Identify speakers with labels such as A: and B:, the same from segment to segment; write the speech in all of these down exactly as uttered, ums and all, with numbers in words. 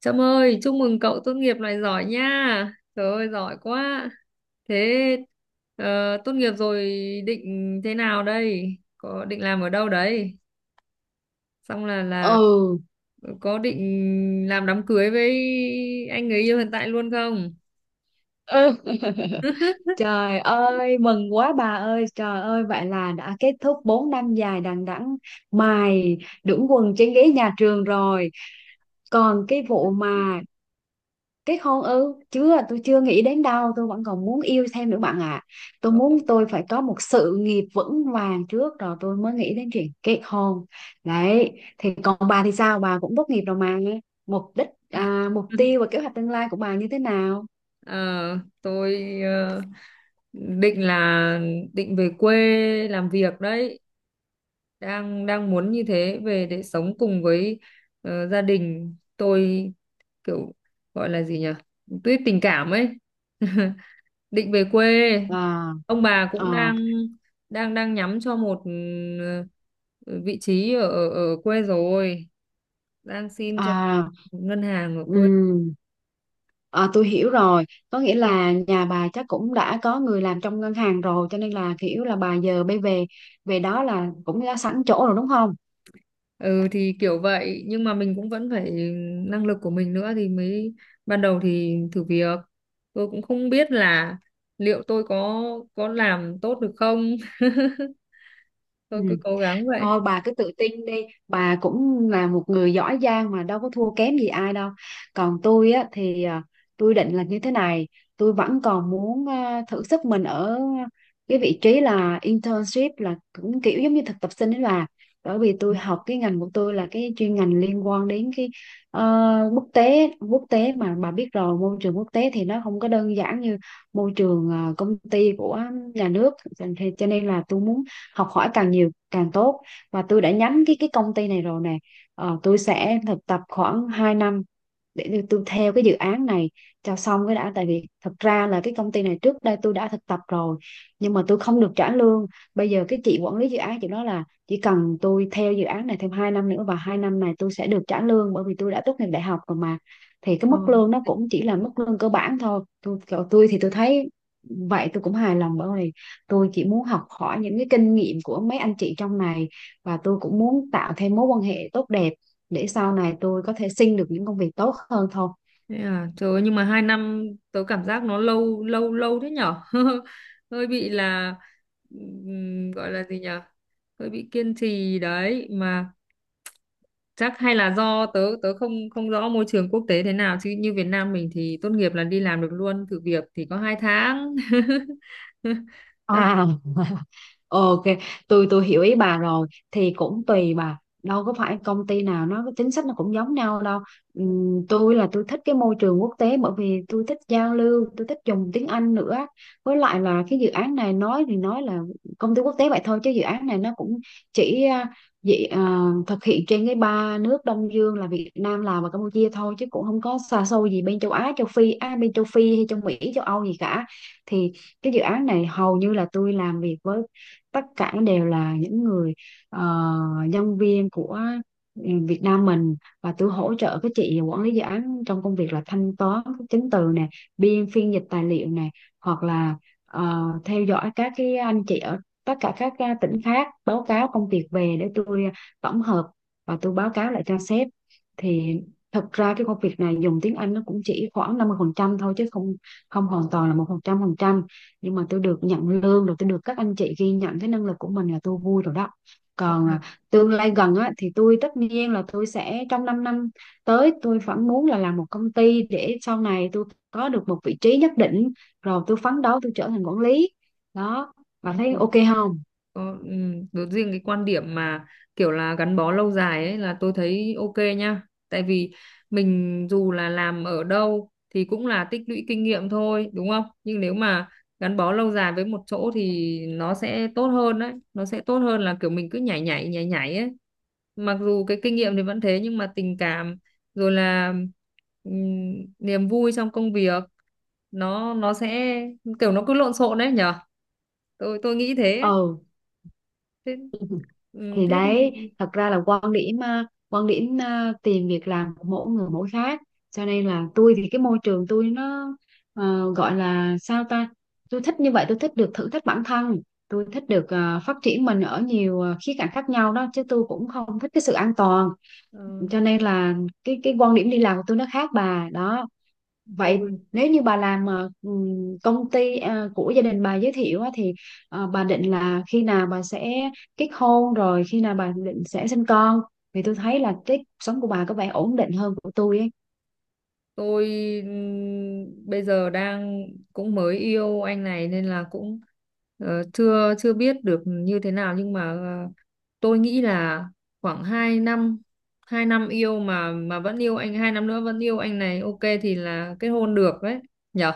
A: Trâm ơi, chúc mừng cậu tốt nghiệp này giỏi nha. Trời ơi, giỏi quá. Thế ờ, tốt nghiệp rồi định thế nào đây? Có định làm ở đâu đấy? Xong là là
B: Ừ.
A: có định làm đám cưới với anh người yêu hiện tại luôn không?
B: Ừ. Trời ơi, mừng quá bà ơi, trời ơi, vậy là đã kết thúc bốn năm dài đằng đẵng mài đũng quần trên ghế nhà trường rồi. Còn cái vụ mà kết hôn ư, chưa, tôi chưa nghĩ đến đâu, tôi vẫn còn muốn yêu thêm nữa bạn ạ. Tôi muốn tôi phải có một sự nghiệp vững vàng trước rồi tôi mới nghĩ đến chuyện kết hôn. Đấy, thì còn bà thì sao, bà cũng tốt nghiệp rồi mà, mục đích, à, mục tiêu và kế hoạch tương lai của bà như thế nào?
A: Ờ, tôi ờ, định là định về quê làm việc đấy. Đang đang muốn như thế về để sống cùng với ờ, gia đình. Tôi kiểu gọi là gì nhỉ, tuy tình cảm ấy. Định về quê,
B: À.
A: ông bà cũng
B: À.
A: đang đang đang nhắm cho một, ừ, vị trí ở ở ở quê rồi, đang xin cho
B: À.
A: một ngân hàng ở quê.
B: Ừm, à, tôi hiểu rồi, có nghĩa là nhà bà chắc cũng đã có người làm trong ngân hàng rồi cho nên là kiểu là bà giờ bây về về đó là cũng đã sẵn chỗ rồi đúng không?
A: Ừ thì kiểu vậy, nhưng mà mình cũng vẫn phải năng lực của mình nữa thì mới, ban đầu thì thử việc, tôi cũng không biết là liệu tôi có có làm tốt được không.
B: Ừ,
A: Tôi cứ cố gắng vậy.
B: thôi bà cứ tự tin đi, bà cũng là một người giỏi giang mà đâu có thua kém gì ai đâu. Còn tôi á thì à, tôi định là như thế này, tôi vẫn còn muốn à, thử sức mình ở cái vị trí là internship, là cũng kiểu giống như thực tập sinh đấy bà. Bởi vì tôi học cái ngành của tôi là cái chuyên ngành liên quan đến cái ờ, quốc tế, quốc tế mà bà biết rồi, môi trường quốc tế thì nó không có đơn giản như môi trường ờ, công ty của nhà nước, cho cho nên là tôi muốn học hỏi càng nhiều càng tốt, và tôi đã nhắm cái cái công ty này rồi nè. Ờ, tôi sẽ thực tập khoảng hai năm để tôi tôi theo cái dự án này cho xong cái đã, tại vì thật ra là cái công ty này trước đây tôi đã thực tập rồi nhưng mà tôi không được trả lương. Bây giờ cái chị quản lý dự án, chị nói là chỉ cần tôi theo dự án này thêm hai năm nữa và hai năm này tôi sẽ được trả lương bởi vì tôi đã tốt nghiệp đại học rồi mà. Thì cái
A: Ờ.
B: mức lương nó cũng chỉ là mức lương cơ bản thôi. Tôi tôi thì tôi thấy vậy tôi cũng hài lòng, bởi vì tôi chỉ muốn học hỏi những cái kinh nghiệm của mấy anh chị trong này, và tôi cũng muốn tạo thêm mối quan hệ tốt đẹp để sau này tôi có thể xin được những công việc tốt hơn thôi.
A: Thế à, trời ơi, nhưng mà hai năm tớ cảm giác nó lâu lâu lâu thế nhở. Hơi bị là, ừm, gọi là gì nhở, hơi bị kiên trì đấy mà. Chắc hay là do tớ tớ không không rõ môi trường quốc tế thế nào, chứ như Việt Nam mình thì tốt nghiệp là đi làm được luôn, thử việc thì có hai tháng. Chắc
B: À. Ờ, ok, tôi tôi hiểu ý bà rồi, thì cũng tùy bà, đâu có phải công ty nào nó cái chính sách nó cũng giống nhau đâu. Ừm, tôi là tôi thích cái môi trường quốc tế, bởi vì tôi thích giao lưu, tôi thích dùng tiếng Anh nữa, với lại là cái dự án này nói thì nói là công ty quốc tế vậy thôi chứ dự án này nó cũng chỉ à, dị, à, thực hiện trên cái ba nước Đông Dương là Việt Nam, Lào và Campuchia thôi, chứ cũng không có xa xôi gì bên châu Á, châu Phi, à, bên châu Phi hay châu Mỹ, châu Âu gì cả. Thì cái dự án này hầu như là tôi làm việc với tất cả đều là những người ờ, nhân viên của, ừ, Việt Nam mình, và tôi hỗ trợ các chị quản lý dự án trong công việc là thanh toán các chứng từ nè, biên phiên dịch tài liệu nè, hoặc là ờ, theo dõi các cái anh chị ở tất cả các ờ, tỉnh khác báo cáo công việc về để tôi à, tổng hợp và tôi báo cáo lại cho sếp. Thì thật ra cái công việc này dùng tiếng Anh nó cũng chỉ khoảng năm mươi phần trăm thôi chứ không không hoàn toàn là một trăm phần trăm, nhưng mà tôi được nhận lương rồi, tôi được các anh chị ghi nhận cái năng lực của mình là tôi vui rồi đó.
A: thế.
B: Còn à, tương lai gần á, thì tôi tất nhiên là tôi sẽ trong 5 năm tới tôi vẫn muốn là làm một công ty để sau này tôi có được một vị trí nhất định rồi tôi phấn đấu tôi trở thành quản lý đó, bà
A: Đúng
B: thấy
A: rồi, đúng.
B: ok không?
A: Có, ừ, đối riêng cái quan điểm mà kiểu là gắn bó lâu dài ấy là tôi thấy ok nha. Tại vì mình dù là làm ở đâu thì cũng là tích lũy kinh nghiệm thôi, đúng không? Nhưng nếu mà gắn bó lâu dài với một chỗ thì nó sẽ tốt hơn đấy. Nó sẽ tốt hơn là kiểu mình cứ nhảy nhảy nhảy nhảy ấy. Mặc dù cái kinh nghiệm thì vẫn thế, nhưng mà tình cảm rồi là, ừm, niềm vui trong công việc, nó nó sẽ kiểu nó cứ lộn xộn đấy nhở. Tôi tôi nghĩ thế.
B: Ừ,
A: Thế, ừ,
B: thì
A: thế thì
B: đấy thật ra là quan điểm ờ, quan điểm ờ, tìm việc làm của mỗi người mỗi khác, cho nên là tôi thì cái môi trường tôi nó ờ, gọi là sao ta, tôi thích như vậy, tôi thích được thử thách bản thân, tôi thích được ờ, phát triển mình ở nhiều ờ, khía cạnh khác nhau đó, chứ tôi cũng không thích cái sự an toàn,
A: ờ,
B: cho nên là cái cái quan điểm đi làm của tôi nó khác bà đó. Vậy
A: tôi
B: nếu như bà làm ờ, ừm, công ty ờ, của gia đình bà giới thiệu á, thì ờ, bà định là khi nào bà sẽ kết hôn, rồi khi nào bà định sẽ sinh con, thì tôi thấy là cái cuộc sống của bà có vẻ ổn định hơn của tôi ấy.
A: tôi ừm, bây giờ đang cũng mới yêu anh này nên là cũng ờ, chưa chưa biết được như thế nào, nhưng mà ờ, tôi nghĩ là khoảng hai năm, hai năm yêu mà mà vẫn yêu anh, hai năm nữa vẫn yêu anh này ok thì là kết hôn được đấy nhở.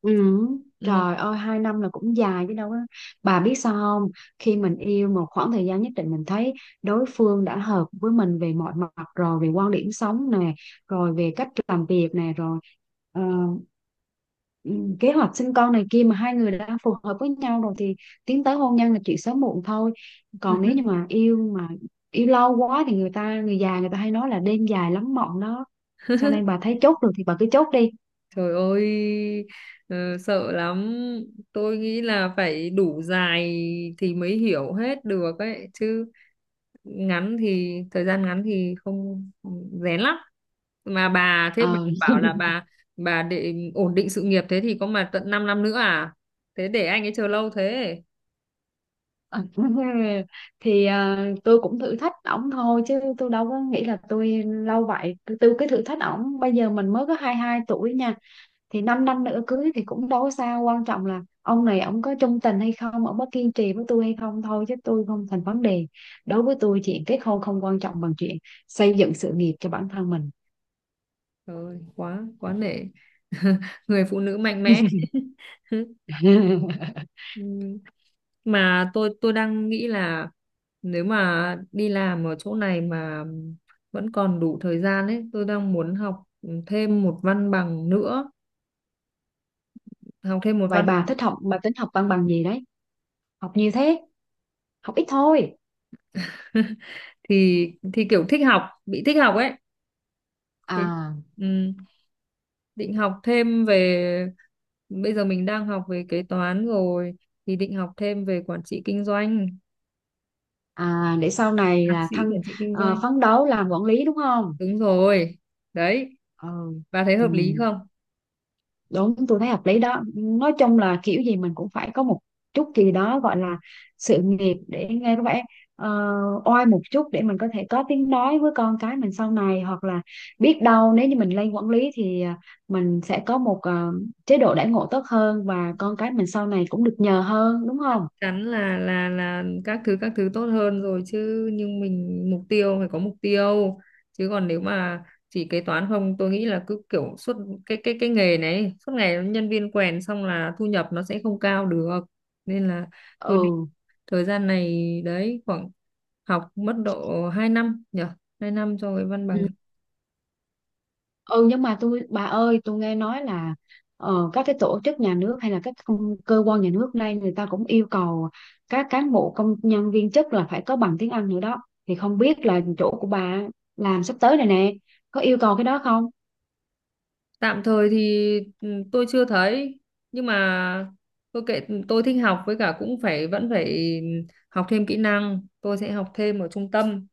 B: Ừ. Trời ơi, hai năm là cũng dài chứ đâu á. Bà biết sao không? Khi mình yêu một khoảng thời gian nhất định, mình thấy đối phương đã hợp với mình về mọi mặt rồi, về quan điểm sống nè, rồi về cách làm việc nè, rồi ờ, ừ, kế hoạch sinh con này kia, mà hai người đã phù hợp với nhau rồi thì tiến tới hôn nhân là chuyện sớm muộn thôi.
A: Ừ.
B: Còn nếu như mà yêu mà yêu lâu quá thì người ta, người già người ta hay nói là đêm dài lắm mộng đó, cho nên bà thấy chốt được thì bà cứ chốt đi.
A: Trời ơi, ờ, sợ lắm. Tôi nghĩ là phải đủ dài thì mới hiểu hết được ấy, chứ ngắn thì thời gian ngắn thì không rén lắm. Mà bà thế bà
B: Ờ.
A: bảo là bà bà để ổn định sự nghiệp thế thì có mà tận 5 năm nữa à? Thế để anh ấy chờ lâu thế.
B: Ờ, thì ờ, tôi cũng thử thách ổng thôi chứ tôi đâu có nghĩ là tôi lâu vậy, tôi, tôi cứ thử thách ổng, bây giờ mình mới có hai mươi hai tuổi nha, thì 5 năm nữa cưới thì cũng đâu có sao, quan trọng là ông này ổng có trung tình hay không, ổng có kiên trì với tôi hay không thôi chứ tôi không thành vấn đề. Đối với tôi chuyện kết hôn không quan trọng bằng chuyện xây dựng sự nghiệp cho bản thân mình.
A: Trời ơi, quá quá nể. Người phụ nữ mạnh mẽ. Ừm, mà tôi tôi đang nghĩ là nếu mà đi làm ở chỗ này mà vẫn còn đủ thời gian ấy, tôi đang muốn học thêm một văn bằng nữa, học thêm một
B: Vậy
A: văn
B: bà
A: bằng.
B: thích học bà tính học văn bằng gì đấy, học nhiều thế, học ít thôi.
A: thì thì kiểu thích học, bị thích học ấy. Thế,
B: À.
A: ừm, định học thêm về, bây giờ mình đang học về kế toán rồi thì định học thêm về quản trị kinh doanh,
B: À, để sau này
A: thạc
B: là
A: sĩ
B: thân,
A: quản trị kinh
B: ờ,
A: doanh.
B: phấn đấu làm quản lý đúng không?
A: Đúng rồi. Đấy,
B: Ừ.
A: bà thấy
B: Ừ.
A: hợp lý không?
B: Đúng, tôi thấy hợp lý đó, nói chung là kiểu gì mình cũng phải có một chút gì đó gọi là sự nghiệp để nghe có vẻ ờ, oai một chút, để mình có thể có tiếng nói với con cái mình sau này, hoặc là biết đâu nếu như mình lên quản lý thì à, mình sẽ có một ờ, chế độ đãi ngộ tốt hơn và con cái mình sau này cũng được nhờ hơn, đúng
A: Chắc
B: không?
A: chắn là là là các thứ, các thứ tốt hơn rồi chứ, nhưng mình mục tiêu phải có mục tiêu, chứ còn nếu mà chỉ kế toán không, tôi nghĩ là cứ kiểu suốt cái cái cái nghề này suốt ngày nhân viên quèn, xong là thu nhập nó sẽ không cao được, nên là tôi định
B: Ừ.
A: thời gian này đấy khoảng học mất độ hai năm nhở, hai năm cho cái văn
B: Ừ.
A: bằng.
B: Ừ, nhưng mà tôi bà ơi, tôi nghe nói là ờ, các cái tổ chức nhà nước hay là các công- cơ quan nhà nước nay người ta cũng yêu cầu các cán bộ công nhân viên chức là phải có bằng tiếng Anh nữa đó, thì không biết là chỗ của bà làm sắp tới này nè có yêu cầu cái đó không.
A: Tạm thời thì, ừ, tôi chưa thấy, nhưng mà tôi kệ, tôi thích học với cả cũng phải vẫn phải học thêm kỹ năng, tôi sẽ học thêm ở trung tâm,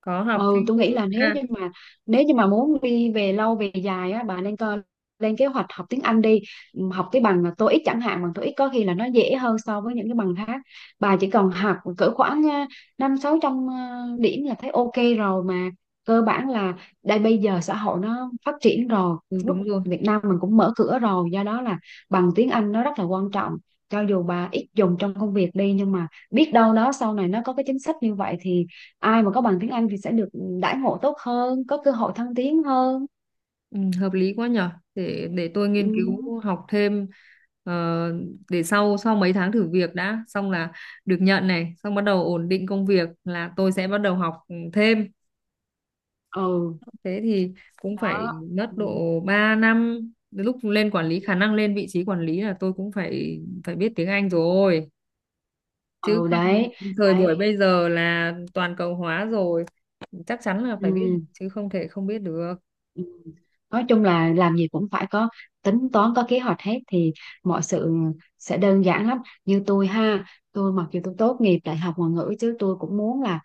A: có học
B: Ừ, tôi nghĩ
A: thêm,
B: là nếu
A: à,
B: như mà nếu như mà muốn đi về lâu về dài á, bà nên coi lên kế hoạch học tiếng Anh đi. Ừm, học cái bằng tô ích chẳng hạn, bằng tô ích có khi là nó dễ hơn so với những cái bằng khác, bà chỉ cần học cỡ khoảng ờ, năm sáu trăm ờ, điểm là thấy ok rồi mà, cơ bản là đây bây giờ xã hội nó phát triển rồi.
A: ừ,
B: Quốc-
A: đúng rồi.
B: Việt Nam mình cũng mở cửa rồi, do đó là bằng tiếng Anh nó rất là quan trọng, cho dù bà ít dùng trong công việc đi nhưng mà biết đâu đó sau này nó có cái chính sách như vậy thì ai mà có bằng tiếng Anh thì sẽ được đãi ngộ tốt hơn, có cơ hội thăng tiến hơn.
A: Ừ, hợp lý quá nhở, để để tôi
B: Ừ.
A: nghiên cứu học thêm. ờ, để sau, sau mấy tháng thử việc đã xong là được nhận này, xong bắt đầu ổn định công việc là tôi sẽ bắt đầu học thêm.
B: Ừ.
A: Thế thì cũng phải
B: Đó.
A: mất
B: Ừ,
A: độ ba năm. Lúc lên quản lý, khả năng lên vị trí quản lý là tôi cũng phải phải biết tiếng Anh rồi, chứ
B: ừ.
A: không
B: Đấy.
A: thời buổi
B: Đấy.
A: bây giờ là toàn cầu hóa rồi, chắc chắn là phải biết
B: Ừ.
A: chứ không thể không biết được.
B: Ừ. Nói chung là làm gì cũng phải có tính toán, có kế hoạch hết thì mọi sự sẽ đơn giản lắm. Như tôi ha, tôi mặc dù tôi tốt nghiệp đại học ngoại ngữ chứ tôi cũng muốn là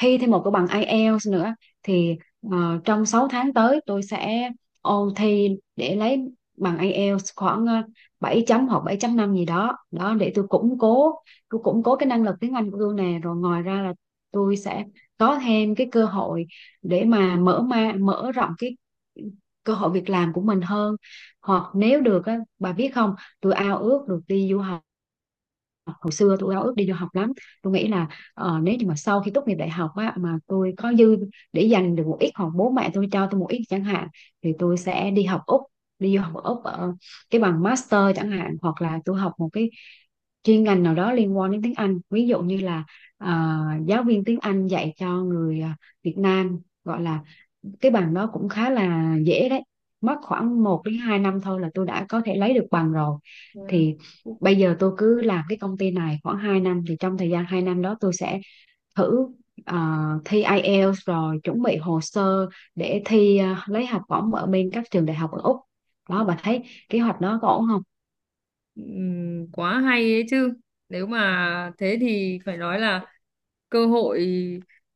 B: thi thêm một cái bằng ai eo nữa, thì ờ, trong sáu tháng tới tôi sẽ ôn thi để lấy bằng ai eo khoảng ờ, bảy chấm hoặc bảy chấm năm gì đó đó, để tôi củng cố tôi củng cố cái năng lực tiếng Anh của tôi nè, rồi ngoài ra là tôi sẽ có thêm cái cơ hội để mà mở ma mở rộng cái cơ hội việc làm của mình hơn. Hoặc nếu được á, bà biết không, tôi ao ước được đi du học, hồi xưa tôi ao ước đi du học lắm. Tôi nghĩ là ờ, nếu như mà sau khi tốt nghiệp đại học á mà tôi có dư, để dành được một ít hoặc bố mẹ tôi cho tôi một ít chẳng hạn, thì tôi sẽ đi học Úc, đi du học ở Úc ở cái bằng master chẳng hạn, hoặc là tôi học một cái chuyên ngành nào đó liên quan đến tiếng Anh, ví dụ như là ờ, giáo viên tiếng Anh dạy cho người, ờ, Việt Nam gọi là, cái bằng đó cũng khá là dễ đấy, mất khoảng một đến hai năm thôi là tôi đã có thể lấy được bằng rồi. Thì bây giờ tôi cứ làm cái công ty này khoảng hai năm, thì trong thời gian hai năm đó tôi sẽ thử ờ, thi ai eo rồi chuẩn bị hồ sơ để thi ờ, lấy học bổng ở bên các trường đại học ở Úc đó, bà thấy kế hoạch đó có ổn không?
A: Ừm, quá hay ấy chứ, nếu mà thế thì phải nói là cơ hội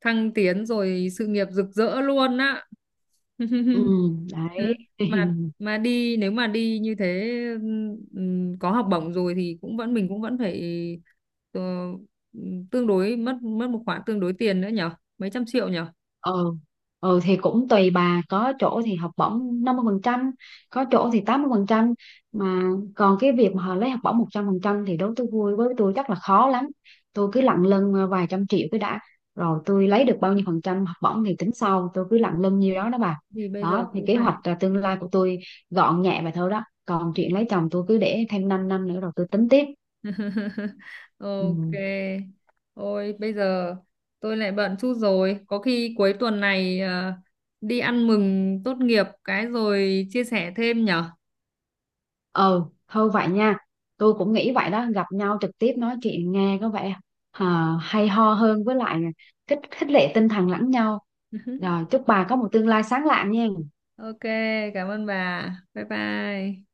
A: thăng tiến rồi sự nghiệp rực rỡ luôn á.
B: Ừ. Đấy.
A: Ừ, mà mà đi, nếu mà đi như thế, ừm, có học bổng rồi thì cũng vẫn, mình cũng vẫn phải ờ, tương đối, mất mất một khoản tương đối tiền nữa nhở, mấy trăm triệu nhở.
B: Ừ. Ừ, thì cũng tùy bà, có chỗ thì học bổng năm mươi phần trăm, có chỗ thì tám mươi phần trăm mà, còn cái việc mà họ lấy học bổng một trăm phần trăm thì đối với tôi vui, với tôi chắc là khó lắm, tôi cứ lận lưng ờ, vài trăm triệu cái đã, rồi tôi lấy được bao nhiêu phần trăm học bổng thì tính sau, tôi cứ lận lưng nhiêu đó đó bà.
A: Thì bây giờ
B: Đó, thì
A: cũng
B: kế hoạch
A: phải.
B: à, tương lai của tôi gọn nhẹ vậy thôi đó, còn chuyện lấy chồng tôi cứ để thêm 5 năm nữa rồi tôi tính tiếp.
A: Ok.
B: Ừ.
A: Ôi bây giờ tôi lại bận chút rồi. Có khi cuối tuần này ờ, đi ăn mừng tốt nghiệp cái rồi chia sẻ thêm nhở.
B: Ừ, thôi vậy nha, tôi cũng nghĩ vậy đó, gặp nhau trực tiếp nói chuyện nghe có vẻ à, hay ho hơn, với lại là kích khích lệ tinh thần lẫn nhau, rồi chúc bà có một tương lai sáng lạng nha
A: Ok, cảm ơn bà. Bye bye.